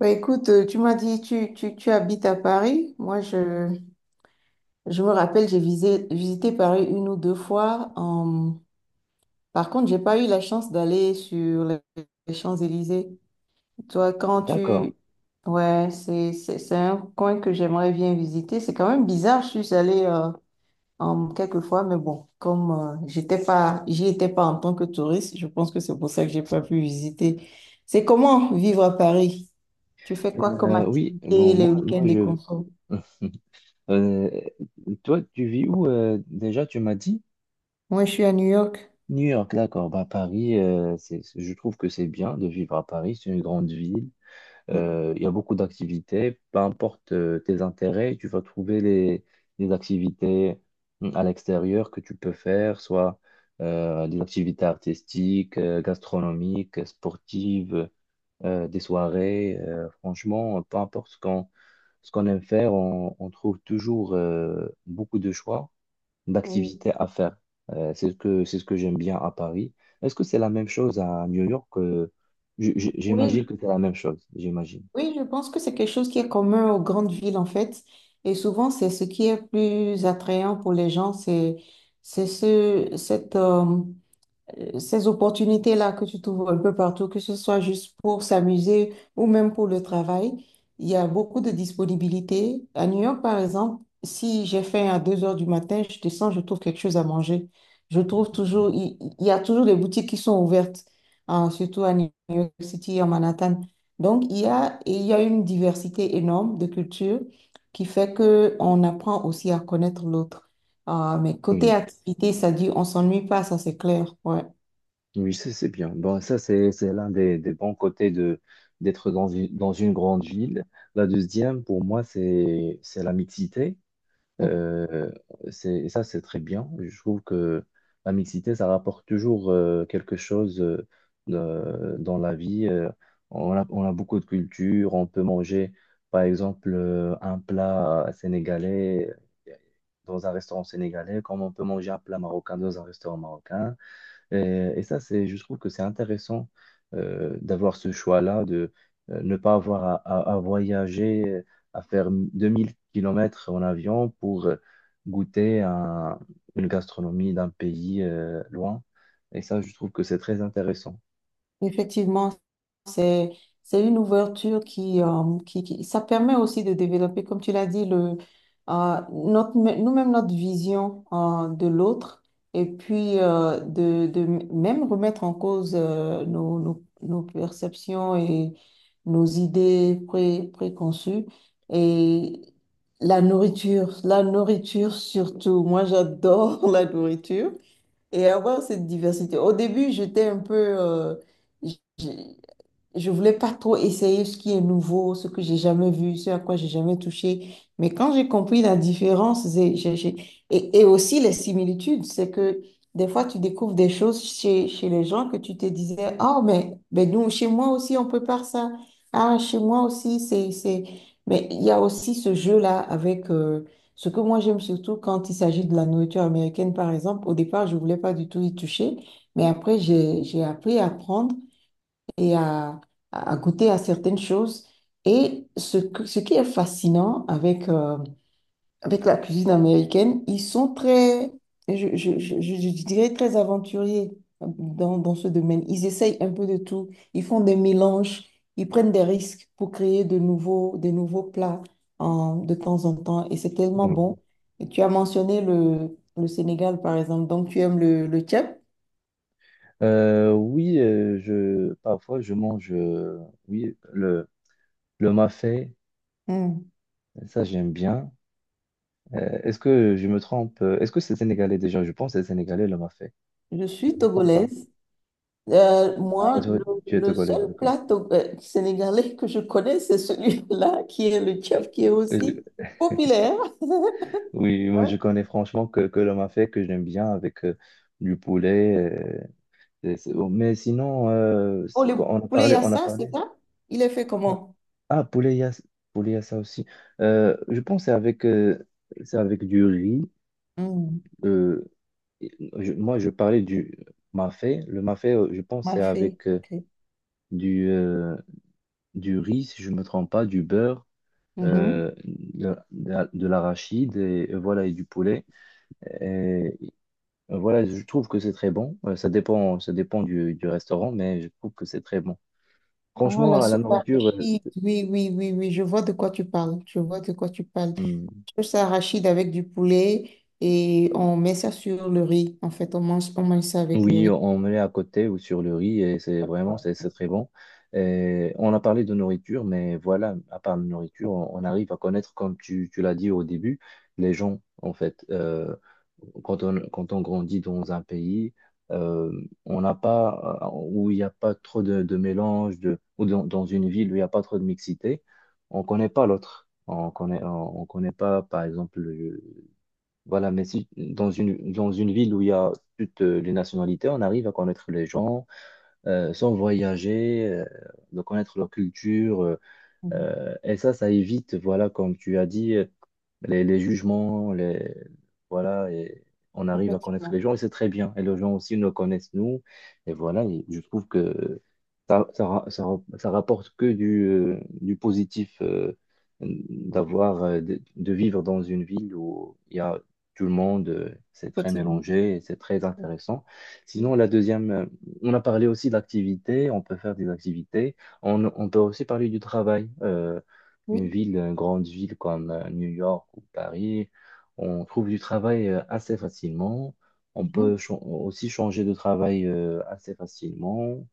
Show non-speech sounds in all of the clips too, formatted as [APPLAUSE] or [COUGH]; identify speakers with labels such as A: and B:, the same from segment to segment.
A: Tu m'as dit tu habites à Paris. Je me rappelle, j'ai visité Paris une ou deux fois. Par contre, j'ai pas eu la chance d'aller sur les Champs-Élysées. Toi, quand
B: D'accord.
A: tu... Ouais, c'est un coin que j'aimerais bien visiter. C'est quand même bizarre, je suis allée quelquefois, mais bon, comme j'y étais pas en tant que touriste, je pense que c'est pour ça que j'ai pas pu visiter. C'est comment vivre à Paris? Tu fais quoi comme
B: Oui,
A: activité
B: bon,
A: les
B: moi
A: week-ends et
B: je.
A: consos?
B: Euh, Toi, tu vis où déjà? Tu m'as dit
A: Moi, je suis à New York.
B: New York, d'accord. Bah, Paris, je trouve que c'est bien de vivre à Paris. C'est une grande ville.
A: Mm.
B: Il y a beaucoup d'activités. Peu importe tes intérêts, tu vas trouver les activités à l'extérieur que tu peux faire, soit des activités artistiques, gastronomiques, sportives, des soirées. Franchement, peu importe ce qu'on aime faire, on trouve toujours beaucoup de choix d'activités à faire. C'est ce que j'aime bien à Paris. Est-ce que c'est la même chose à New York? J'imagine
A: Oui,
B: que c'est la même chose, j'imagine.
A: oui, je pense que c'est quelque chose qui est commun aux grandes villes en fait. Et souvent, c'est ce qui est plus attrayant pour les gens, c'est ce cette ces opportunités-là que tu trouves un peu partout, que ce soit juste pour s'amuser ou même pour le travail, il y a beaucoup de disponibilité. À New York, par exemple, si j'ai faim à 2 heures du matin, je descends, je trouve quelque chose à manger. Je trouve toujours, il y a toujours des boutiques qui sont ouvertes, hein, surtout à New York City, à Manhattan. Donc, il y a, et il y a une diversité énorme de cultures qui fait que on apprend aussi à connaître l'autre. Ah, mais côté
B: Oui,
A: activité, ça dit on s'ennuie pas, ça c'est clair. Ouais.
B: oui, c'est bien. Bon, ça, c'est l'un des bons côtés d'être dans une grande ville. La deuxième, pour moi, c'est la mixité.
A: Mm.
B: Euh, et ça, c'est très bien. Je trouve que la mixité, ça rapporte toujours quelque chose dans la vie. On a beaucoup de cultures. On peut manger, par exemple, un plat sénégalais dans un restaurant sénégalais, comme on peut manger un plat marocain dans un restaurant marocain. Et ça, je trouve que c'est intéressant d'avoir ce choix-là, de ne pas avoir à voyager, à faire 2 000 kilomètres en avion pour goûter à une gastronomie d'un pays loin. Et ça, je trouve que c'est très intéressant.
A: Effectivement, c'est c'est une ouverture qui ça permet aussi de développer, comme tu l'as dit, notre, nous-mêmes notre vision de l'autre et puis de même remettre en cause nos perceptions et nos idées préconçues. Et la nourriture surtout, moi j'adore [LAUGHS] la nourriture. Et avoir cette diversité. Au début, j'étais un peu, j- je voulais pas trop essayer ce qui est nouveau, ce que j'ai jamais vu, ce à quoi j'ai jamais touché. Mais quand j'ai compris la différence, et aussi les similitudes, c'est que des fois tu découvres des choses chez, chez les gens que tu te disais, oh, mais nous, chez moi aussi, on prépare ça. Ah, chez moi aussi, c'est... Mais il y a aussi ce jeu-là avec ce que moi j'aime surtout quand il s'agit de la nourriture américaine, par exemple. Au départ, je voulais pas du tout y toucher, mais après, j'ai appris à prendre et à goûter à certaines choses. Et ce qui est fascinant avec, avec la cuisine américaine, ils sont très, je dirais, très aventuriers dans ce domaine. Ils essayent un peu de tout, ils font des mélanges, ils prennent des risques pour créer des nouveaux plats de temps en temps. Et c'est tellement
B: Oui,
A: bon. Et tu as mentionné le Sénégal, par exemple, donc tu aimes le tchèp.
B: Oui parfois, je mange oui, le mafé,
A: Hmm.
B: ça, j'aime bien. Est-ce que je me trompe? Est-ce que c'est sénégalais déjà? Je pense que c'est sénégalais le mafé.
A: Je
B: Je
A: suis
B: ne me trompe pas.
A: togolaise. Euh,
B: Ah,
A: moi,
B: toi,
A: le,
B: tu es
A: le
B: togolaise,
A: seul
B: d'accord.
A: plat sénégalais que je connais, c'est celui-là, [LAUGHS] qui est le chef, qui est
B: Euh,
A: aussi populaire.
B: Oui, moi
A: Ouais.
B: je connais franchement que le mafé que j'aime bien avec du poulet. C'est bon. Mais sinon,
A: Oh, le
B: quand on a
A: poulet
B: parlé, on a
A: yassa, c'est
B: parlé.
A: ça? Il est fait
B: Ah,
A: comment?
B: ah, poulet, il y a ça aussi. Je pense que c'est avec du riz.
A: Hmm,
B: euh, moi, je parlais du mafé. Le mafé, je pense que
A: ma
B: c'est
A: fée,
B: avec
A: ok.
B: du, euh, du riz, si je ne me trompe pas, du beurre,
A: Mhm.
B: euh, de l'arachide et voilà, et du poulet. Et voilà, je trouve que c'est très bon. Ça dépend du restaurant, mais je trouve que c'est très bon.
A: Ah, la
B: Franchement, à la
A: sauce
B: nourriture
A: arachide, oui, oui, oui, oui, je vois de quoi tu parles, je vois de quoi tu parles.
B: hmm,
A: Sauce arachide avec du poulet et on met ça sur le riz, en fait, on mange ça avec le
B: Oui,
A: riz.
B: on met à côté ou sur le riz et c'est vraiment
A: Ouais.
B: c'est c'est très bon. Et on a parlé de nourriture, mais voilà, à part la nourriture, on arrive à connaître, comme tu l'as dit au début, les gens en fait. Quand on quand on grandit dans un pays, euh, on n'a pas où il n'y a pas trop de mélange de ou dans une ville où il n'y a pas trop de mixité, on connaît pas l'autre. On connaît pas par exemple voilà, mais si dans une ville où il y a toutes les nationalités, on arrive à connaître les gens, sans voyager, de connaître leur culture. euh,
A: Mhm.
B: euh, et ça, ça évite, voilà, comme tu as dit, les jugements, les, voilà, et on arrive à connaître
A: Effectivement,
B: les gens et c'est très bien. Et les gens aussi nous connaissent, nous. Et voilà, et je trouve que ça rapporte que du positif, d'avoir, de vivre dans une ville où il y a tout le monde, c'est très
A: effectivement.
B: mélangé et c'est très intéressant. Sinon,
A: Oui.
B: la deuxième, on a parlé aussi d'activités, on peut faire des activités. On peut aussi parler du travail. Une
A: Oui.
B: ville, une grande ville comme New York ou Paris, on trouve du travail assez facilement. On peut
A: Mhm.
B: aussi changer de travail assez facilement.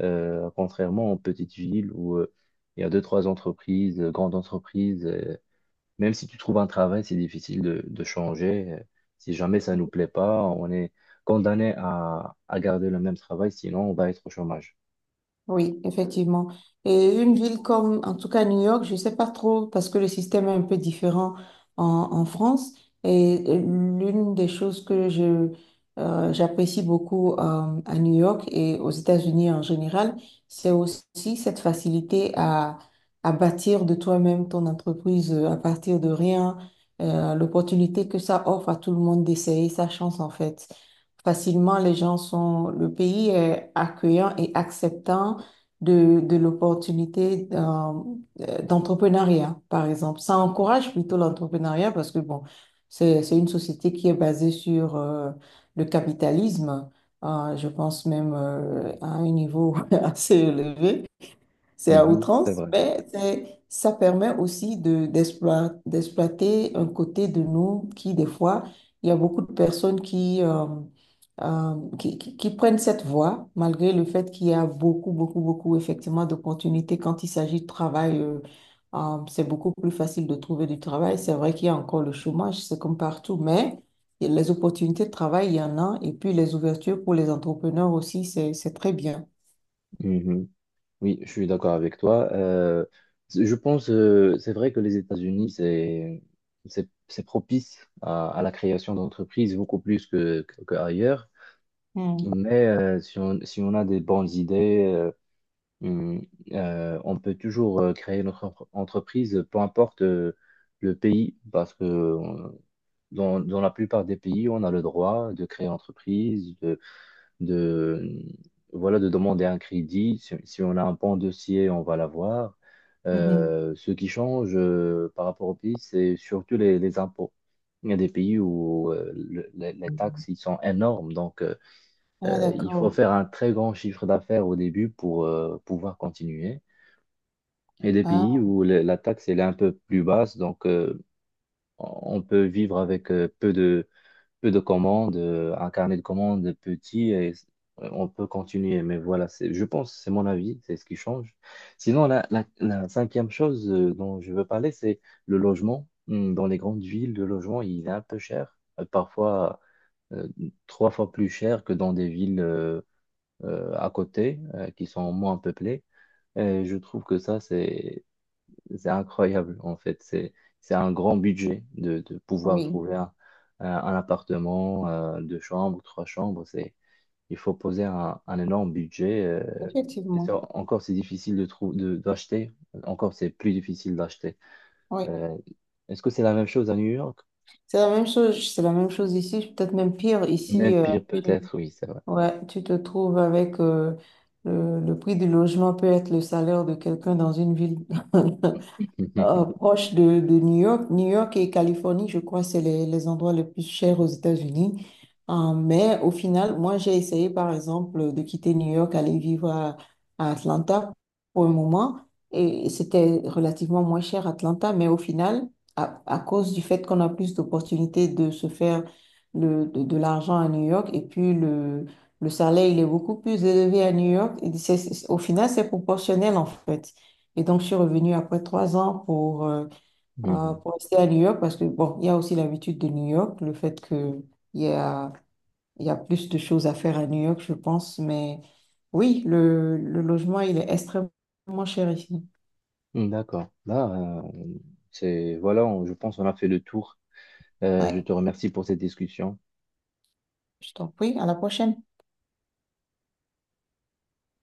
B: Contrairement aux petites villes où il y a deux, trois entreprises, grandes entreprises. Même si tu trouves un travail, c'est difficile de changer. Si jamais ça ne nous plaît pas, on est condamné à, garder le même travail, sinon on va être au chômage.
A: Oui, effectivement. Et une ville comme, en tout cas New York, je ne sais pas trop parce que le système est un peu différent en, en France. Et l'une des choses que j'apprécie beaucoup à New York et aux États-Unis en général, c'est aussi cette facilité à bâtir de toi-même ton entreprise à partir de rien, l'opportunité que ça offre à tout le monde d'essayer sa chance en fait. Facilement, les gens sont, le pays est accueillant et acceptant de l'opportunité d'entrepreneuriat, par exemple. Ça encourage plutôt l'entrepreneuriat parce que, bon, c'est une société qui est basée sur le capitalisme, je pense même à un niveau [LAUGHS] assez élevé. C'est à
B: Mhm, c'est
A: outrance,
B: vrai.
A: mais ça permet aussi de, d'exploiter un côté de nous qui, des fois, il y a beaucoup de personnes qui prennent cette voie, malgré le fait qu'il y a beaucoup, beaucoup, beaucoup, effectivement, d'opportunités. Quand il s'agit de travail, c'est beaucoup plus facile de trouver du travail. C'est vrai qu'il y a encore le chômage, c'est comme partout, mais les opportunités de travail, il y en a. Et puis, les ouvertures pour les entrepreneurs aussi, c'est très bien.
B: Mhm. Oui, je suis d'accord avec toi. Je pense, c'est vrai que les États-Unis, c'est propice à, la création d'entreprises beaucoup plus qu'ailleurs.
A: Mm.
B: Mais si on a des bonnes idées, hum, on peut toujours créer notre entreprise, peu importe le pays, parce que dans la plupart des pays, on a le droit de créer une entreprise, de, voilà, de demander un crédit. Si on a un bon dossier, on va l'avoir. Ce qui change par rapport au pays, c'est surtout les impôts. Il y a des pays où les taxes
A: Mhm.
B: ils sont énormes, donc
A: Ah,
B: il faut
A: d'accord.
B: faire un très grand chiffre d'affaires au début pour pouvoir continuer. Et des pays
A: Ah,
B: où la taxe elle est un peu plus basse, donc on peut vivre avec peu de commandes, un carnet de commandes petit et on peut continuer. Mais voilà, c'est, je pense, c'est mon avis, c'est ce qui change. Sinon, la cinquième chose dont je veux parler, c'est le logement. Hmm. Dans les grandes villes, le logement, il est un peu cher, parfois euh, trois fois plus cher que dans des villes à côté qui sont moins peuplées. Et je trouve que ça, c'est incroyable en fait. C'est un grand budget de pouvoir
A: oui,
B: trouver un appartement, deux chambres, trois chambres. Il faut poser un énorme budget. Et
A: effectivement.
B: ça, encore, c'est difficile d'acheter. Encore, c'est plus difficile d'acheter.
A: Oui,
B: Euh, est-ce que c'est la même chose à New York?
A: c'est la même chose. C'est la même chose ici, peut-être même pire.
B: Même
A: Ici,
B: pire
A: tu,
B: peut-être, oui, c'est vrai.
A: ouais, tu te trouves avec le prix du logement peut être le salaire de quelqu'un dans une ville. [LAUGHS] Euh,
B: [LAUGHS]
A: proche de New York. New York et Californie, je crois, c'est les endroits les plus chers aux États-Unis. Mais au final, moi, j'ai essayé, par exemple, de quitter New York, aller vivre à Atlanta pour un moment. Et c'était relativement moins cher Atlanta, mais au final, à cause du fait qu'on a plus d'opportunités de se faire de l'argent à New York, et puis le salaire, il est beaucoup plus élevé à New York, et au final, c'est proportionnel en fait. Et donc, je suis revenue après 3 ans
B: Mhm.
A: pour rester à New York parce que, bon, il y a aussi l'habitude de New York, le fait que il y a, il y a plus de choses à faire à New York, je pense. Mais oui, le logement, il est extrêmement cher ici.
B: D'accord. Là, c'est voilà, je pense qu'on a fait le tour. Je
A: Ouais,
B: te remercie pour cette discussion.
A: je t'en prie, à la prochaine.